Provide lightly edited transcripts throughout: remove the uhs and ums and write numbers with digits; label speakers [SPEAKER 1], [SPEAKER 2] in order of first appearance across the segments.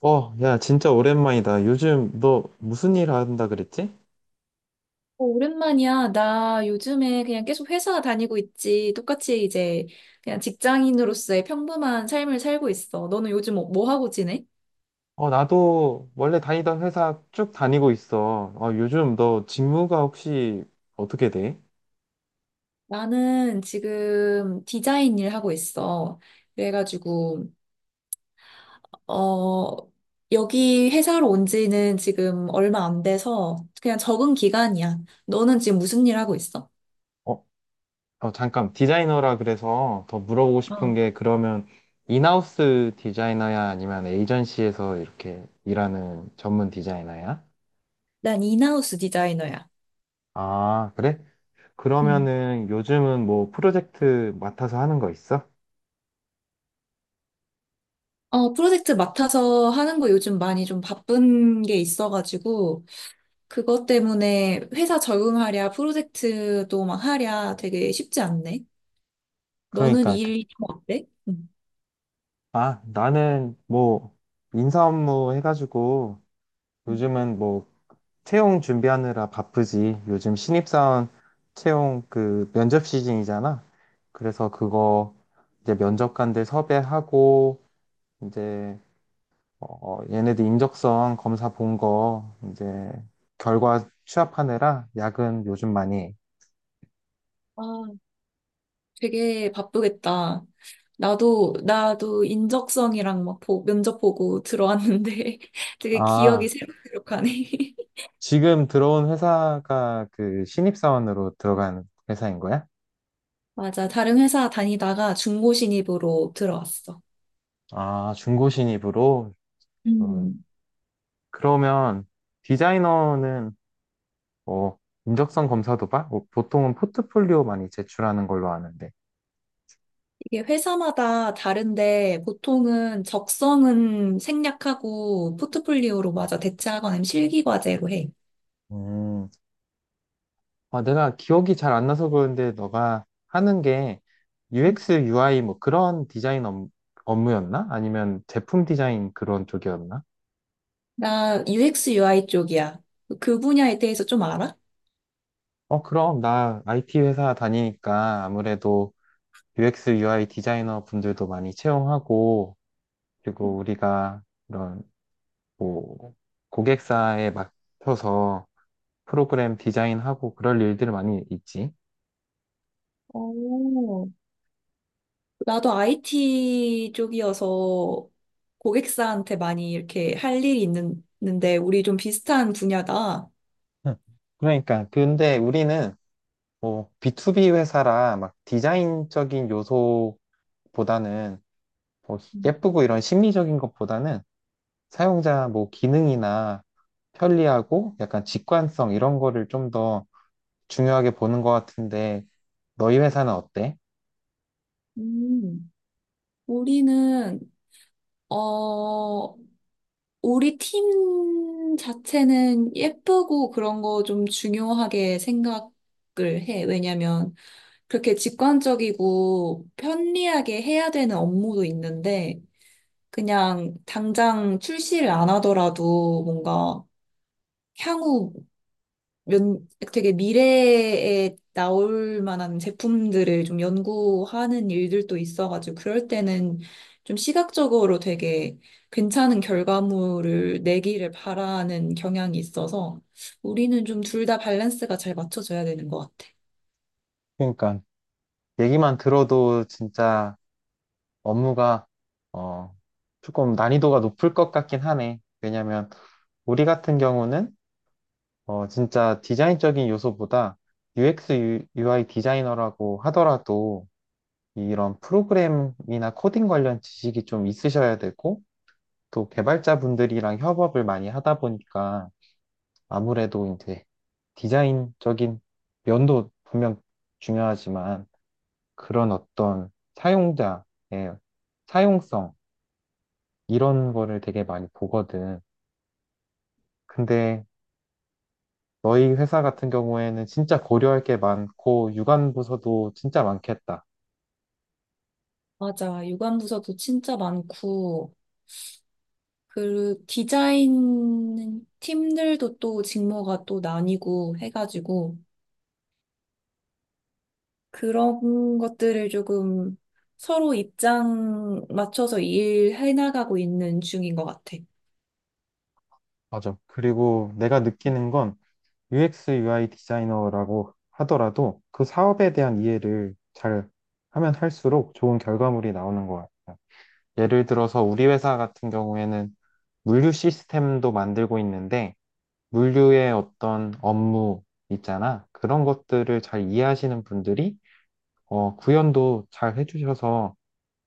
[SPEAKER 1] 어, 야, 진짜 오랜만이다. 요즘 너 무슨 일 한다 그랬지?
[SPEAKER 2] 오랜만이야. 나 요즘에 그냥 계속 회사 다니고 있지. 똑같이 이제 그냥 직장인으로서의 평범한 삶을 살고 있어. 너는 요즘 뭐뭐 하고 지내?
[SPEAKER 1] 어, 나도 원래 다니던 회사 쭉 다니고 있어. 어, 요즘 너 직무가 혹시 어떻게 돼?
[SPEAKER 2] 나는 지금 디자인 일 하고 있어. 그래가지고, 어, 여기 회사로 온 지는 지금 얼마 안 돼서 그냥 적응 기간이야. 너는 지금 무슨 일 하고 있어?
[SPEAKER 1] 어, 어, 잠깐, 디자이너라 그래서 더 물어보고 싶은
[SPEAKER 2] 어,
[SPEAKER 1] 게, 그러면 인하우스 디자이너야 아니면 에이전시에서 이렇게 일하는 전문 디자이너야?
[SPEAKER 2] 난 인하우스 디자이너야.
[SPEAKER 1] 아, 그래?
[SPEAKER 2] 음.
[SPEAKER 1] 그러면은 요즘은 뭐 프로젝트 맡아서 하는 거 있어?
[SPEAKER 2] 프로젝트 맡아서 하는 거 요즘 많이 좀 바쁜 게 있어가지고, 그것 때문에 회사 적응하랴, 프로젝트도 막 하랴 되게 쉽지 않네. 너는
[SPEAKER 1] 그러니까
[SPEAKER 2] 일좀 어때? 응.
[SPEAKER 1] 아, 나는 뭐 인사 업무 해가지고
[SPEAKER 2] 음.
[SPEAKER 1] 요즘은 뭐 채용 준비하느라 바쁘지. 요즘 신입사원 채용 그 면접 시즌이잖아. 그래서 그거 이제 면접관들 섭외하고 이제 어, 얘네들 인적성 검사 본 거 이제 결과 취합하느라 야근 요즘 많이 해.
[SPEAKER 2] 아, 되게 바쁘겠다. 나도 인적성이랑 막 면접 보고 들어왔는데 되게 기억이
[SPEAKER 1] 아,
[SPEAKER 2] 새록새록하네.
[SPEAKER 1] 지금 들어온 회사가 그 신입사원으로 들어간 회사인 거야?
[SPEAKER 2] 맞아. 다른 회사 다니다가 중고 신입으로 들어왔어.
[SPEAKER 1] 아, 중고 신입으로? 어,
[SPEAKER 2] 음.
[SPEAKER 1] 그러면 디자이너는 뭐 인적성 검사도 봐? 뭐 보통은 포트폴리오 많이 제출하는 걸로 아는데.
[SPEAKER 2] 이게 회사마다 다른데 보통은 적성은 생략하고 포트폴리오로 맞아 대체하거나 아니면 실기 과제로 해.
[SPEAKER 1] 음. 아, 내가 기억이 잘 안 나서 그런데 너가 하는 게 UX, UI 뭐 그런 디자인 업무였나? 아니면 제품 디자인 그런 쪽이었나?
[SPEAKER 2] 나 UX, UI 쪽이야. 그 분야에 대해서 좀 알아?
[SPEAKER 1] 어, 그럼 나 IT 회사 다니니까 아무래도 UX, UI 디자이너 분들도 많이 채용하고 그리고 우리가 이런 뭐 고객사에 맡춰서 프로그램 디자인하고 그럴 일들 많이 있지.
[SPEAKER 2] 오, 나도 IT 쪽이어서 고객사한테 많이 이렇게 할 일이 있는데, 우리 좀 비슷한 분야다.
[SPEAKER 1] 응. 그러니까 근데 우리는 뭐 B2B 회사라 막 디자인적인 요소보다는 뭐 예쁘고 이런 심리적인 것보다는 사용자 뭐 기능이나 편리하고 약간 직관성 이런 거를 좀 더 중요하게 보는 것 같은데 너희 회사는 어때?
[SPEAKER 2] 음, 우리는, 어, 우리 팀 자체는 예쁘고 그런 거 좀 중요하게 생각을 해. 왜냐면, 그렇게 직관적이고 편리하게 해야 되는 업무도 있는데, 그냥 당장 출시를 안 하더라도 뭔가 향후 몇, 되게 미래에 나올 만한 제품들을 좀 연구하는 일들도 있어가지고 그럴 때는 좀 시각적으로 되게 괜찮은 결과물을 내기를 바라는 경향이 있어서 우리는 좀 둘 다 밸런스가 잘 맞춰져야 되는 것 같아.
[SPEAKER 1] 그러니까 얘기만 들어도 진짜 업무가 어 조금 난이도가 높을 것 같긴 하네. 왜냐면 우리 같은 경우는 어, 진짜 디자인적인 요소보다 UX, UI 디자이너라고 하더라도 이런 프로그램이나 코딩 관련 지식이 좀 있으셔야 되고 또 개발자분들이랑 협업을 많이 하다 보니까 아무래도 이제 디자인적인 면도 분명 중요하지만 그런 어떤 사용자의 사용성 이런 거를 되게 많이 보거든. 근데 너희 회사 같은 경우에는 진짜 고려할 게 많고 유관 부서도 진짜 많겠다.
[SPEAKER 2] 맞아. 유관부서도 진짜 많고 그 디자인 팀들도 또 직무가 또 나뉘고 해가지고 그런 것들을 조금 서로 입장 맞춰서 일해 나가고 있는 중인 것 같아.
[SPEAKER 1] 맞아. 그리고 내가 느끼는 건 UX, UI 디자이너라고 하더라도 그 사업에 대한 이해를 잘 하면 할수록 좋은 결과물이 나오는 것 같아. 예를 들어서 우리 회사 같은 경우에는 물류 시스템도 만들고 있는데 물류의 어떤 업무 있잖아. 그런 것들을 잘 이해하시는 분들이 어, 구현도 잘 해주셔서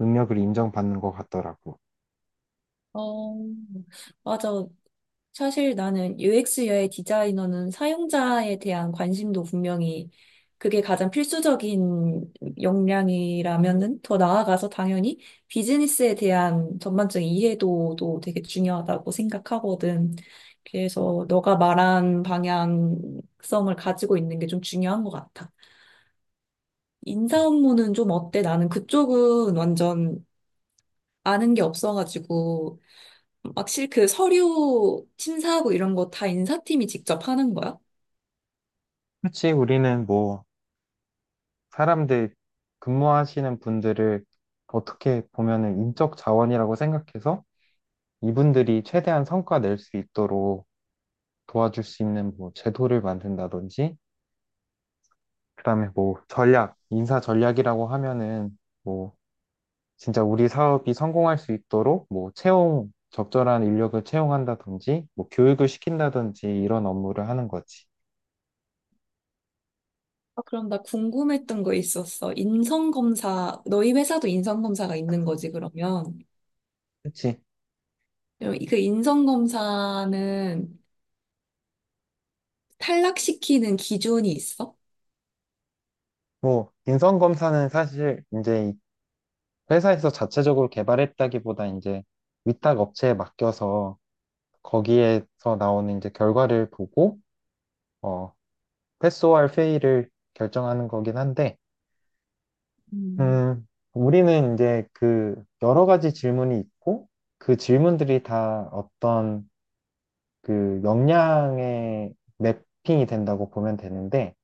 [SPEAKER 1] 능력을 인정받는 것 같더라고.
[SPEAKER 2] 어, 맞아. 사실 나는 UX의 디자이너는 사용자에 대한 관심도 분명히 그게 가장 필수적인 역량이라면은 더 나아가서 당연히 비즈니스에 대한 전반적인 이해도도 되게 중요하다고 생각하거든. 그래서 너가 말한 방향성을 가지고 있는 게 좀 중요한 것 같아. 인사 업무는 좀 어때? 나는 그쪽은 완전 아는 게 없어가지고 막실 그 서류 심사하고 이런 거 다 인사팀이 직접 하는 거야?
[SPEAKER 1] 그렇지, 우리는 뭐, 사람들, 근무하시는 분들을 어떻게 보면은 인적 자원이라고 생각해서 이분들이 최대한 성과 낼 수 있도록 도와줄 수 있는 뭐, 제도를 만든다든지, 그다음에 뭐, 전략, 인사 전략이라고 하면은 뭐, 진짜 우리 사업이 성공할 수 있도록 뭐, 채용, 적절한 인력을 채용한다든지, 뭐, 교육을 시킨다든지, 이런 업무를 하는 거지.
[SPEAKER 2] 아, 그럼 나 궁금했던 거 있었어. 인성검사, 너희 회사도 인성검사가 있는 거지, 그러면?
[SPEAKER 1] 그치.
[SPEAKER 2] 그럼 그 인성검사는 탈락시키는 기준이 있어?
[SPEAKER 1] 뭐, 인성검사는 사실 이제 회사에서 자체적으로 개발했다기보다 이제 위탁 업체에 맡겨서 거기에서 나오는 이제 결과를 보고 어, 패스오알 페이를 결정하는 거긴 한데
[SPEAKER 2] 음,
[SPEAKER 1] 음, 우리는 이제 그 여러 가지 질문이 있고 그 질문들이 다 어떤 그 역량에 매핑이 된다고 보면 되는데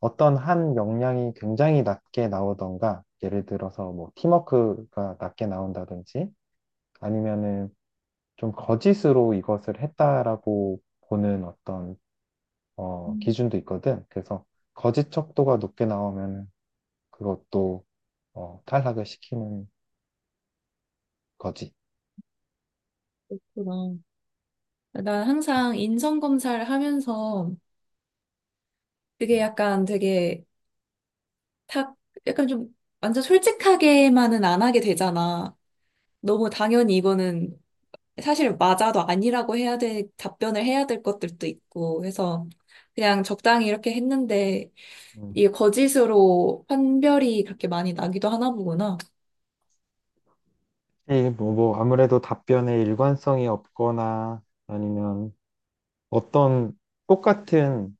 [SPEAKER 1] 어떤 한 역량이 굉장히 낮게 나오던가 예를 들어서 뭐 팀워크가 낮게 나온다든지 아니면은 좀 거짓으로 이것을 했다라고 보는 어떤 어,
[SPEAKER 2] 음.
[SPEAKER 1] 기준도 있거든. 그래서 거짓 척도가 높게 나오면 그것도 어, 탈락을 시키는 거지.
[SPEAKER 2] 그나난 항상 인성검사를 하면서 그게
[SPEAKER 1] 음.
[SPEAKER 2] 약간 되게 탁, 약간 완전 솔직하게만은 안 하게 되잖아. 너무 당연히 이거는 사실 맞아도 아니라고 답변을 해야 될 것들도 있고 해서 그냥 적당히 이렇게 했는데
[SPEAKER 1] 음,
[SPEAKER 2] 이게 거짓으로 판별이 그렇게 많이 나기도 하나 보구나.
[SPEAKER 1] 이 뭐, 아무래도 답변에 일관성이 없거나 아니면 어떤 똑같은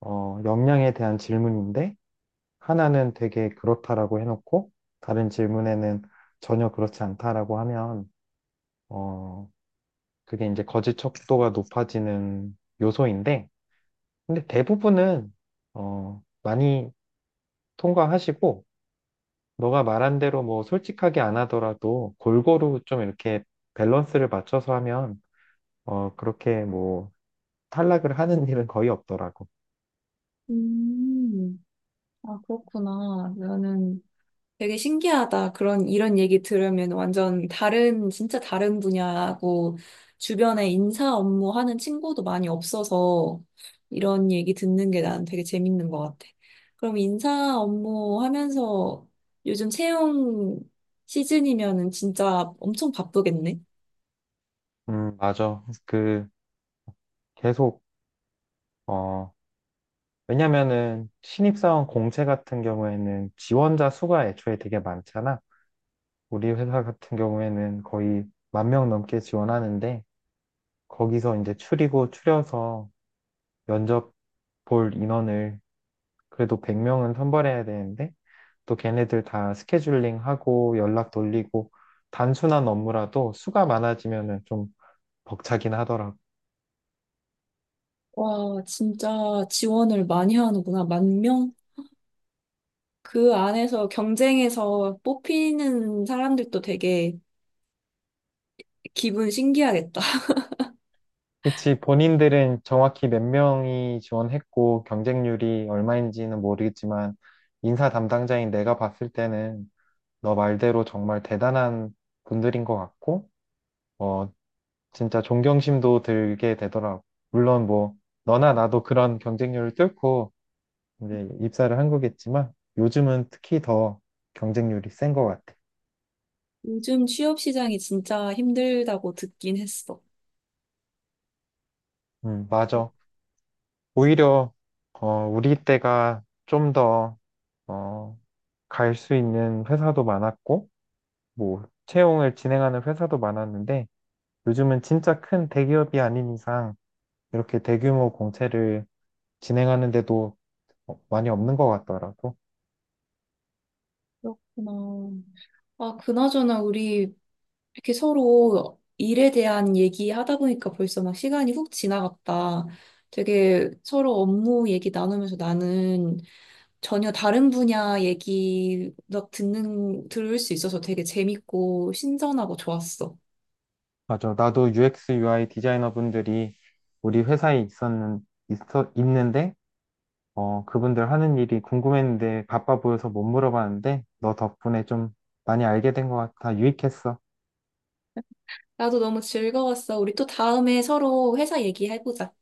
[SPEAKER 1] 어, 역량에 대한 질문인데 하나는 되게 그렇다라고 해놓고 다른 질문에는 전혀 그렇지 않다라고 하면 어, 그게 이제 거짓 척도가 높아지는 요소인데, 근데 대부분은, 어, 많이 통과하시고, 너가 말한 대로 뭐 솔직하게 안 하더라도 골고루 좀 이렇게 밸런스를 맞춰서 하면, 어, 그렇게 뭐 탈락을 하는 일은 거의 없더라고.
[SPEAKER 2] 음, 아, 그렇구나. 나는 되게 신기하다. 이런 얘기 들으면 완전 진짜 다른 분야고, 주변에 인사 업무 하는 친구도 많이 없어서, 이런 얘기 듣는 게 난 되게 재밌는 것 같아. 그럼 인사 업무 하면서 요즘 채용 시즌이면은 진짜 엄청 바쁘겠네?
[SPEAKER 1] 맞아. 그, 계속, 어, 왜냐면은 신입사원 공채 같은 경우에는 지원자 수가 애초에 되게 많잖아. 우리 회사 같은 경우에는 거의 1만 명 넘게 지원하는데, 거기서 이제 추리고 추려서 면접 볼 인원을 그래도 100명은 선발해야 되는데 또 걔네들 다 스케줄링하고 연락 돌리고 단순한 업무라도 수가 많아지면은 좀 벅차긴 하더라고.
[SPEAKER 2] 와, 진짜 지원을 많이 하는구나. 10,000명? 그 안에서 경쟁에서 뽑히는 사람들도 되게 기분 신기하겠다.
[SPEAKER 1] 그치, 본인들은 정확히 몇 명이 지원했고 경쟁률이 얼마인지는 모르겠지만 인사 담당자인 내가 봤을 때는 너 말대로 정말 대단한 분들인 것 같고 어, 진짜 존경심도 들게 되더라고. 물론 뭐 너나 나도 그런 경쟁률을 뚫고 이제 입사를 한 거겠지만 요즘은 특히 더 경쟁률이 센 것 같아.
[SPEAKER 2] 요즘 취업 시장이 진짜 힘들다고 듣긴 했어.
[SPEAKER 1] 맞아. 오히려 어, 우리 때가 좀 더 어, 갈 수 있는 회사도 많았고 뭐 채용을 진행하는 회사도 많았는데 요즘은 진짜 큰 대기업이 아닌 이상 이렇게 대규모 공채를 진행하는데도 많이 없는 것 같더라고.
[SPEAKER 2] 그렇구나. 아, 그나저나 우리 이렇게 서로 일에 대한 얘기하다 보니까 벌써 막 시간이 훅 지나갔다. 되게 서로 업무 얘기 나누면서 나는 전혀 다른 분야 얘기 막 들을 수 있어서 되게 재밌고 신선하고 좋았어.
[SPEAKER 1] 맞아. 나도 UX, UI 디자이너분들이 우리 회사에 있는데, 어, 그분들 하는 일이 궁금했는데 바빠 보여서 못 물어봤는데, 너 덕분에 좀 많이 알게 된 것 같아. 유익했어.
[SPEAKER 2] 나도 너무 즐거웠어. 우리 또 다음에 서로 회사 얘기해보자.